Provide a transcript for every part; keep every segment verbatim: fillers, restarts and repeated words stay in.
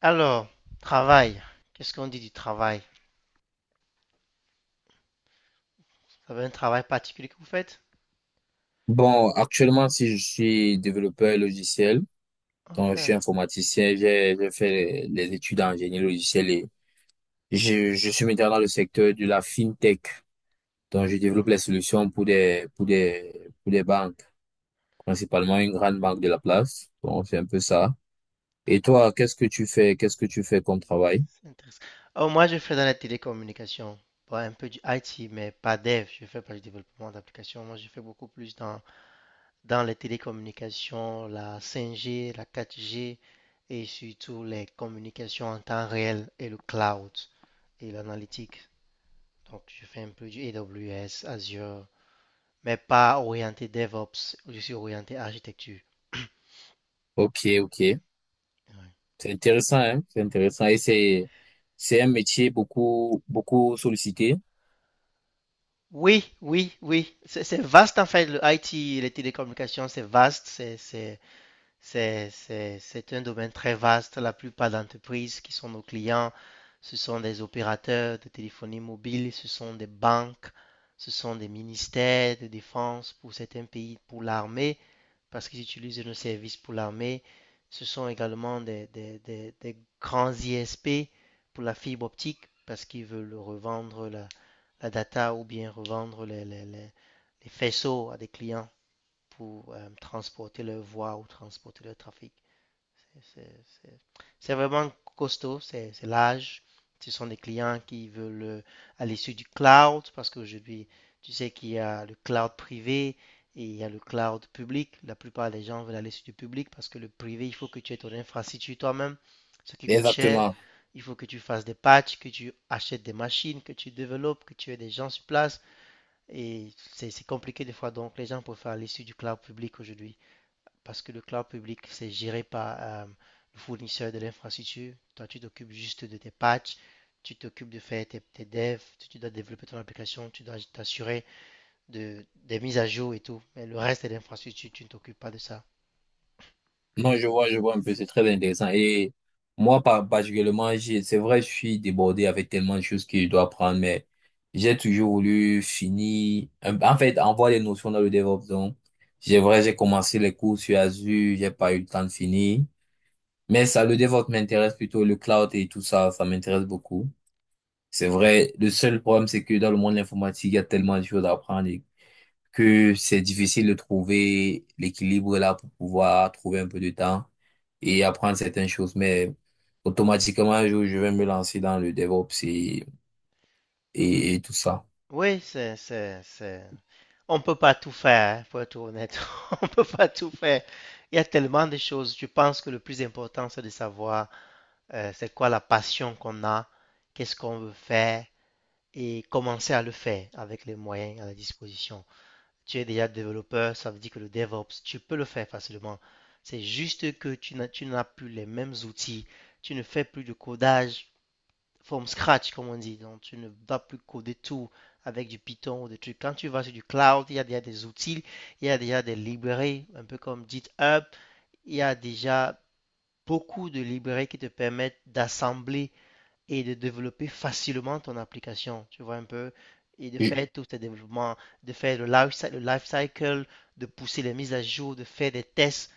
Alors, travail. Qu'est-ce qu'on dit du travail? Vous avez un travail particulier que vous faites? Bon, actuellement, si je suis développeur logiciel, Ok, donc je suis informaticien, j'ai j'ai fait les, les études en génie logiciel et je, je suis maintenant dans le secteur de la fintech. Donc, je ok, développe les solutions pour des, pour des, pour des banques, principalement une grande banque de la place. Bon, c'est un peu ça. Et d'accord, toi, qu'est-ce que tu fais? Qu'est-ce que tu fais comme travail? c'est intéressant. Oh, moi, je fais dans la télécommunication. Bon, un peu du I T, mais pas dev. Je fais pas du développement d'applications. Moi, je fais beaucoup plus dans, dans les télécommunications, la cinq G, la quatre G et surtout les communications en temps réel et le cloud et l'analytique. Donc, je fais un peu du A W S, Azure, mais pas orienté DevOps. Je suis orienté architecture. Ok, ok. C'est intéressant, hein? C'est intéressant. Et c'est, c'est un métier beaucoup, beaucoup sollicité. Oui, oui, oui. C'est c'est vaste en fait, le I T, les télécommunications, c'est vaste. C'est c'est- c'est- c'est- c'est un domaine très vaste. La plupart d'entreprises qui sont nos clients, ce sont des opérateurs de téléphonie mobile, ce sont des banques, ce sont des ministères de défense pour certains pays, pour l'armée, parce qu'ils utilisent nos services pour l'armée. Ce sont également des, des, des- des grands I S P pour la fibre optique, parce qu'ils veulent revendre la, la data ou bien revendre les, les- les- les faisceaux à des clients pour euh, transporter leur voix ou transporter leur trafic. C'est vraiment costaud, c'est c'est large. Ce sont des clients qui veulent euh, aller sur du cloud parce qu'aujourd'hui, tu sais qu'il y a le cloud privé et il y a le cloud public. La plupart des gens veulent aller sur du public parce que le privé, il faut que tu aies ton infrastructure toi-même, ce qui coûte cher. Exactement. Il faut que tu fasses des patchs, que tu achètes des machines, que tu développes, que tu aies des gens sur place. Et c'est c'est compliqué des fois, donc les gens préfèrent aller sur du cloud public aujourd'hui parce que le cloud public, c'est géré par euh, le fournisseur de l'infrastructure. Toi, tu t'occupes juste de tes patchs, tu t'occupes de faire tes, tes devs, tu dois développer ton application, tu dois t'assurer de, des mises à jour et tout. Mais le reste de l'infrastructure, tu ne t'occupes pas de ça. Non, je vois, je vois un peu, c'est très intéressant. Et moi, par- particulièrement, j'ai- c'est vrai, je suis débordé avec tellement de choses que je dois apprendre, mais j'ai toujours voulu finir, un- en fait, avoir des notions dans le DevOps. Donc, j'ai vrai, j'ai commencé les cours sur Azure, j'ai pas eu le temps de finir. Mais ça, le DevOps m'intéresse plutôt, le cloud et tout ça, ça m'intéresse beaucoup. C'est vrai, le seul problème, c'est que dans le monde de l'informatique, il y a tellement de choses à apprendre que c'est difficile de trouver l'équilibre là pour pouvoir trouver un peu de temps et apprendre certaines choses. Mais automatiquement, un jour, je vais me lancer dans le DevOps et, et, et tout ça. Oui, c'est, c'est, c'est... On ne peut pas tout faire, hein, pour être honnête. On ne peut pas tout faire. Il y a tellement de choses. Je pense que le plus important, c'est de savoir euh, c'est quoi la passion qu'on a, qu'est-ce qu'on veut faire, et commencer à le faire avec les moyens à la disposition. Tu es déjà développeur, ça veut dire que le DevOps, tu peux le faire facilement. C'est juste que tu n'as, tu n'as plus les mêmes outils, tu ne fais plus de codage from scratch, comme on dit. Donc, tu ne vas plus coder tout avec du Python ou des trucs. Quand tu vas sur du cloud, il y a déjà des outils, il y a déjà des librairies, un peu comme GitHub, il y a déjà beaucoup de librairies qui te permettent d'assembler et de développer facilement ton application, tu vois un peu, et de faire tous tes développements, de faire le life, le life cycle, de pousser les mises à jour, de faire des tests.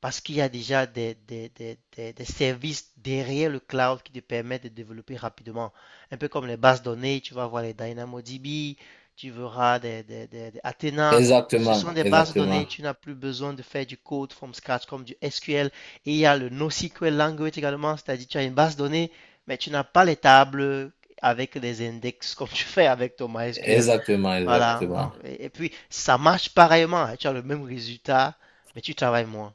Parce qu'il y a déjà des, des- des- des- des services derrière le cloud qui te permettent de développer rapidement. Un peu comme les bases données, tu vas voir les DynamoDB, tu verras des, des- des- des Athena. Ce sont Exactement, des bases données, exactement, tu n'as plus besoin de faire du code from scratch comme du S Q L. Et il y a le NoSQL language également, c'est-à-dire tu as une base donnée, mais tu n'as pas les tables avec des index comme tu fais avec ton MySQL. exactement, Voilà. Donc, exactement. et, et puis, ça marche pareillement, hein. Tu as le même résultat, mais tu travailles moins.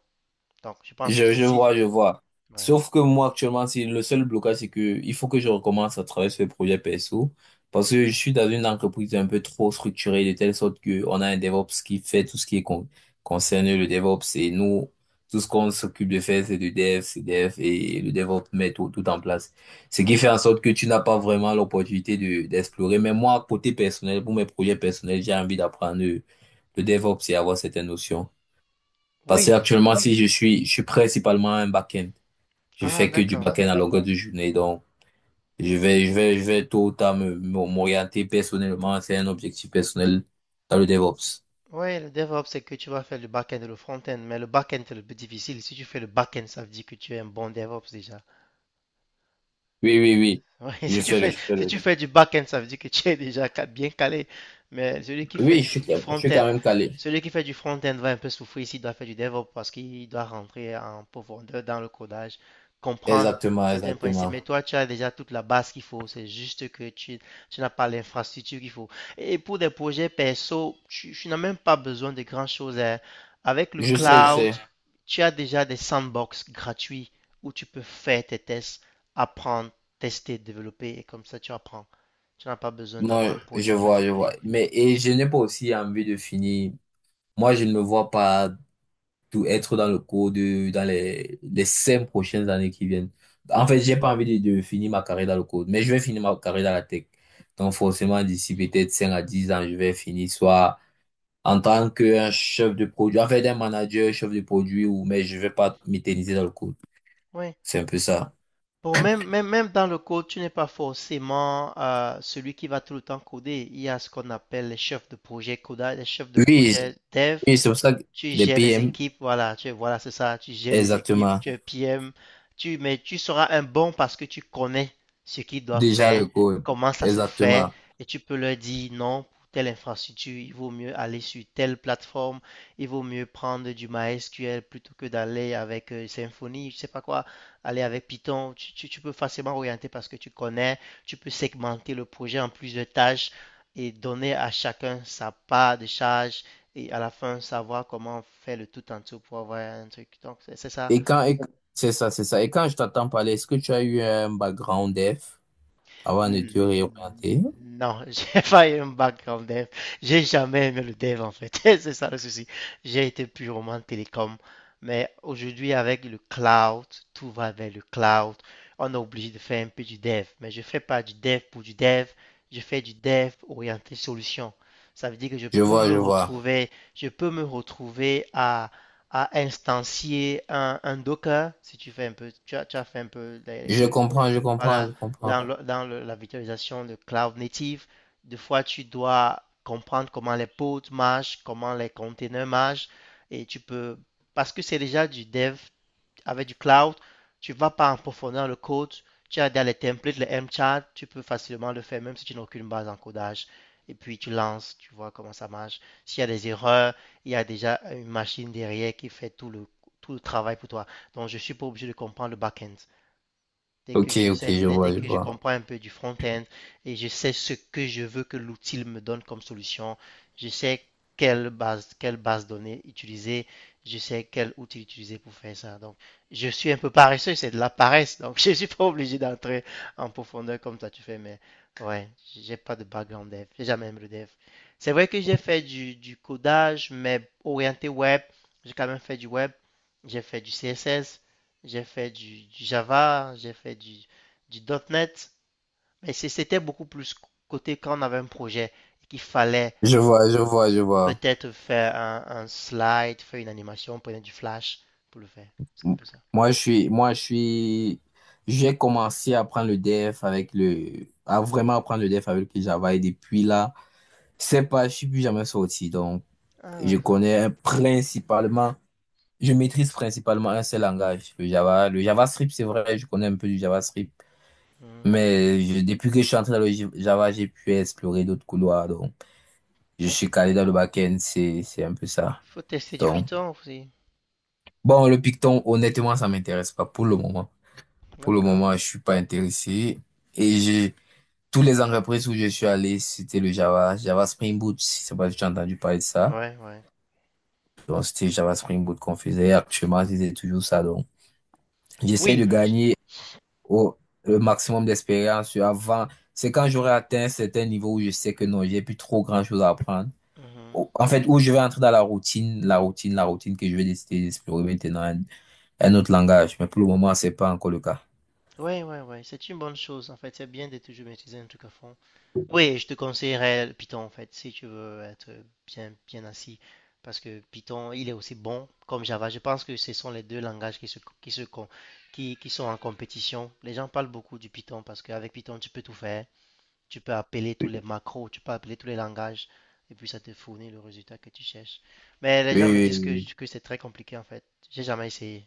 Donc, je pense que Je, je si. vois, je vois. Ouais, Sauf que moi, actuellement, c'est le seul blocage, c'est que il faut que je recommence à travailler sur les projets perso. Parce que je suis dans une entreprise un peu trop structurée, de telle sorte que on a un DevOps qui fait tout ce qui est con- concerné le DevOps. Et nous, tout ce qu'on s'occupe de faire, c'est du Dev, c'est Dev, et le DevOps met tout, tout en place. Ce qui fait en d'accord. sorte que tu n'as pas vraiment l'opportunité de, d'explorer. Mais moi, côté personnel, pour mes projets personnels, j'ai envie d'apprendre le, le DevOps et avoir certaines notions. Parce que Oui. actuellement, si je suis, je suis principalement un back-end. Je Ah, fais que du d'accord. back-end à longueur de journée. Donc, je vais, je vais, je vais tôt ou tard me- me- m'orienter personnellement. C'est un objectif personnel dans le DevOps. Oui, le DevOps, c'est que tu vas faire le back-end et le front-end, mais le back-end, c'est le plus difficile. Si tu fais le back-end, ça veut dire que tu es un bon DevOps déjà. Oui, oui, oui. Ouais, Je si tu fais le, fais, je fais si le. tu fais du back-end, ça veut dire que tu es déjà ca- bien calé. Mais celui qui fait Oui, du, je suis, f- du quand- je suis front-end, quand même calé. celui qui fait du front-end va un peu souffrir s'il doit faire du DevOps parce qu'il doit rentrer en profondeur dans le codage, comprendre. Exactement, C'est un principe. exactement. Mais toi, tu as déjà toute la base qu'il faut. C'est juste que tu, tu n'as pas l'infrastructure qu'il faut. Et pour des projets perso, tu, tu n'as même pas besoin de grand-chose, hein. Avec le Je sais, je cloud, sais. tu as déjà des sandbox gratuits où tu peux faire tes tests, apprendre, tester, développer, et comme ça tu apprends. Tu n'as pas besoin d'avoir Non, un je projet vois, je particulier. vois. Mais, et je n'ai pas aussi envie de finir. Moi, je ne me vois pas tout être dans le cours de, dans les, les cinq prochaines années qui viennent. En fait, j'ai pas envie de, de finir ma carrière dans le code, mais je vais finir ma carrière dans la tech. Donc, forcément, d'ici peut-être cinq à dix ans, je vais finir soit en tant qu'un chef de produit, en fait, un manager, chef de produit, ou, mais je vais pas m'éterniser dans le code. Oui. C'est un peu ça. Bon, même, même, même dans le code, tu n'es pas forcément euh, celui qui va tout le temps coder. Il y a ce qu'on appelle les chefs de projet codage, les chefs de Oui, projet dev. oui, c'est pour ça que Tu les gères les P M, équipes, voilà, tu voilà, c'est ça, tu gères les équipes, exactement. tu es P M, tu mais tu seras un bon parce que tu connais ce qu'ils doivent Déjà le faire, code, comment ça se fait, exactement. et tu peux leur dire non, pour telle infrastructure, il vaut mieux aller sur telle plateforme, il vaut mieux prendre du MySQL plutôt que d'aller avec euh, Symfony, je sais pas quoi, aller avec Python. Tu, tu- tu peux facilement orienter parce que tu connais, tu peux segmenter le projet en plusieurs tâches et donner à chacun sa part de charge et à la fin savoir comment faire le tout en tout pour avoir un truc. Donc, c'est c'est ça. Et quand, et- c'est ça, c'est ça. Et quand je t'entends parler, est-ce que tu as eu un background dev? Avant de te Mm, réorienter. Non, j'ai pas eu un background dev. J'ai jamais aimé le dev en fait. C'est ça le souci. J'ai été purement télécom. Mais aujourd'hui, avec le cloud, tout va vers le cloud. On est obligé de faire un peu du dev. Mais je fais pas du dev pour du dev. Je fais du dev orienté solution. Ça veut dire que je Je peux vois, me je vois. retrouver, je peux me retrouver à, à instancier un, un Docker. Si tu fais un peu, tu as, tu as fait un peu les- Je comprends, je comprends, voilà, je comprends. dans le- dans le- la virtualisation de cloud native, des fois tu dois comprendre comment les pods marchent, comment les containers marchent, et tu peux, parce que c'est déjà du dev avec du cloud, tu vas pas en profondeur le code, tu as dans les templates, les MChat, tu peux facilement le faire même si tu n'as aucune base en codage, et puis tu lances, tu vois comment ça marche. S'il y a des erreurs, il y a déjà une machine derrière qui fait tout le, tout le travail pour toi. Donc je suis pas obligé de comprendre le back-end. Dès que Ok, je ok, sais, je dès, dès vois, je que je vois. comprends un peu du front-end et je sais ce que je veux que l'outil me donne comme solution, je sais quelle base, quelle base données utiliser, je sais quel outil utiliser pour faire ça. Donc, je suis un peu paresseux, c'est de la paresse. Donc, je suis pas obligé d'entrer en profondeur comme toi tu fais, mais ouais, j'ai pas de background dev, j'ai jamais aimé le dev. C'est vrai que j'ai fait du, du codage, mais orienté web, j'ai quand même fait du web, j'ai fait du C S S, j'ai fait du, du Java, j'ai fait du, du .NET, mais c'était beaucoup plus côté quand on avait un projet et qu'il fallait Je vois, je vois, je vois. peut-être faire un, un slide, faire une animation, prendre du flash pour le faire. C'est un M- peu ça. Moi, je suis, moi, je suis, j'ai commencé à prendre le dev avec le, à vraiment apprendre le dev avec le Java et depuis là, c'est pas, je suis plus jamais sorti. Donc, Ah, je d'accord. connais principalement Je maîtrise principalement un seul langage, le Java. Le JavaScript, c'est vrai, je connais un peu du JavaScript. Hmm. Mais je- depuis que je suis entré dans le J- Java, j'ai pu explorer d'autres couloirs. Donc, je Ben, il suis faut, il calé dans le back-end, c'est, c'est un peu ça. faut tester du Donc, Python aussi. bon, le Python, honnêtement, ça m'intéresse pas pour le moment. Pour le D'accord. moment, je suis pas intéressé. Et j'ai, tous les entreprises où je suis allé, c'était le Java. Java Spring Boot, je sais pas si tu as entendu parler de ça. Ouais, ouais. Donc, c'était Java Spring Boot qu'on faisait. Actuellement, c'était toujours ça. Donc, j'essaie Oui, de le- gagner au le maximum d'expérience avant. C'est quand j'aurai atteint un certain niveau où je sais que non, j'ai plus trop grand-chose à apprendre. Mhm. Au- En fait, où je vais entrer dans la routine, la routine, la routine que je vais décider d'explorer maintenant, un, un autre langage. Mais pour le moment, c'est pas encore le cas. Ouais, ouais, ouais, c'est une bonne chose en fait. C'est bien de toujours maîtriser un truc à fond. Oui, je te conseillerais Python en fait, si tu veux être bien, bien assis. Parce que Python, il est aussi bon comme Java. Je pense que ce sont les deux langages qui se, qui se, con- qui, qui sont en compétition. Les gens parlent beaucoup du Python parce qu'avec Python, tu peux tout faire. Tu peux appeler tous les macros, tu peux appeler tous les langages et puis ça te fournit le résultat que tu cherches. Mais les Oui, gens me, ouais, oui, disent oui. oui. que, que c'est très compliqué en fait. J'ai jamais essayé.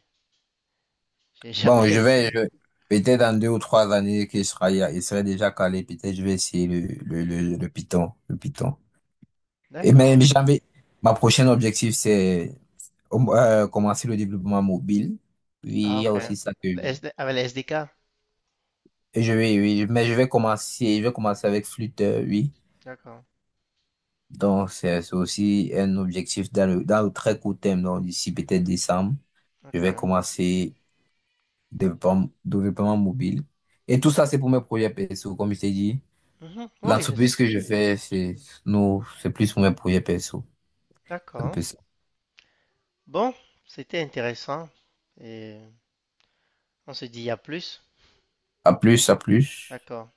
J'ai Bon, jamais. je vais, je- peut-être dans deux ou trois années qu'il sera, il serait déjà calé. Peut-être je vais essayer le, le, le, le Python, le Python. Et D'accord. même, j'avais, ma prochaine objectif, c'est euh, commencer le développement mobile. Oui, il Ah, y a ok. Ouais. aussi ça que je- Le S D. Avec les S D K. Et Je vais, oui, mais je vais commencer, je vais commencer avec flûte, euh, oui. D'accord. Donc, c'est c'est aussi un objectif dans le, dans le très court terme, donc d'ici peut-être décembre, je Ok. vais commencer développement, développement mobile. Et tout ça, c'est pour mes projets perso, comme je t'ai dit. Mhm. Oui, ça, c'est L'entreprise que je toujours bien. fais, c'est, nous, c'est plus pour mes projets perso. C'est un D'accord. peu ça. Bon, c'était intéressant. Et on se dit à plus. À plus, à plus. D'accord.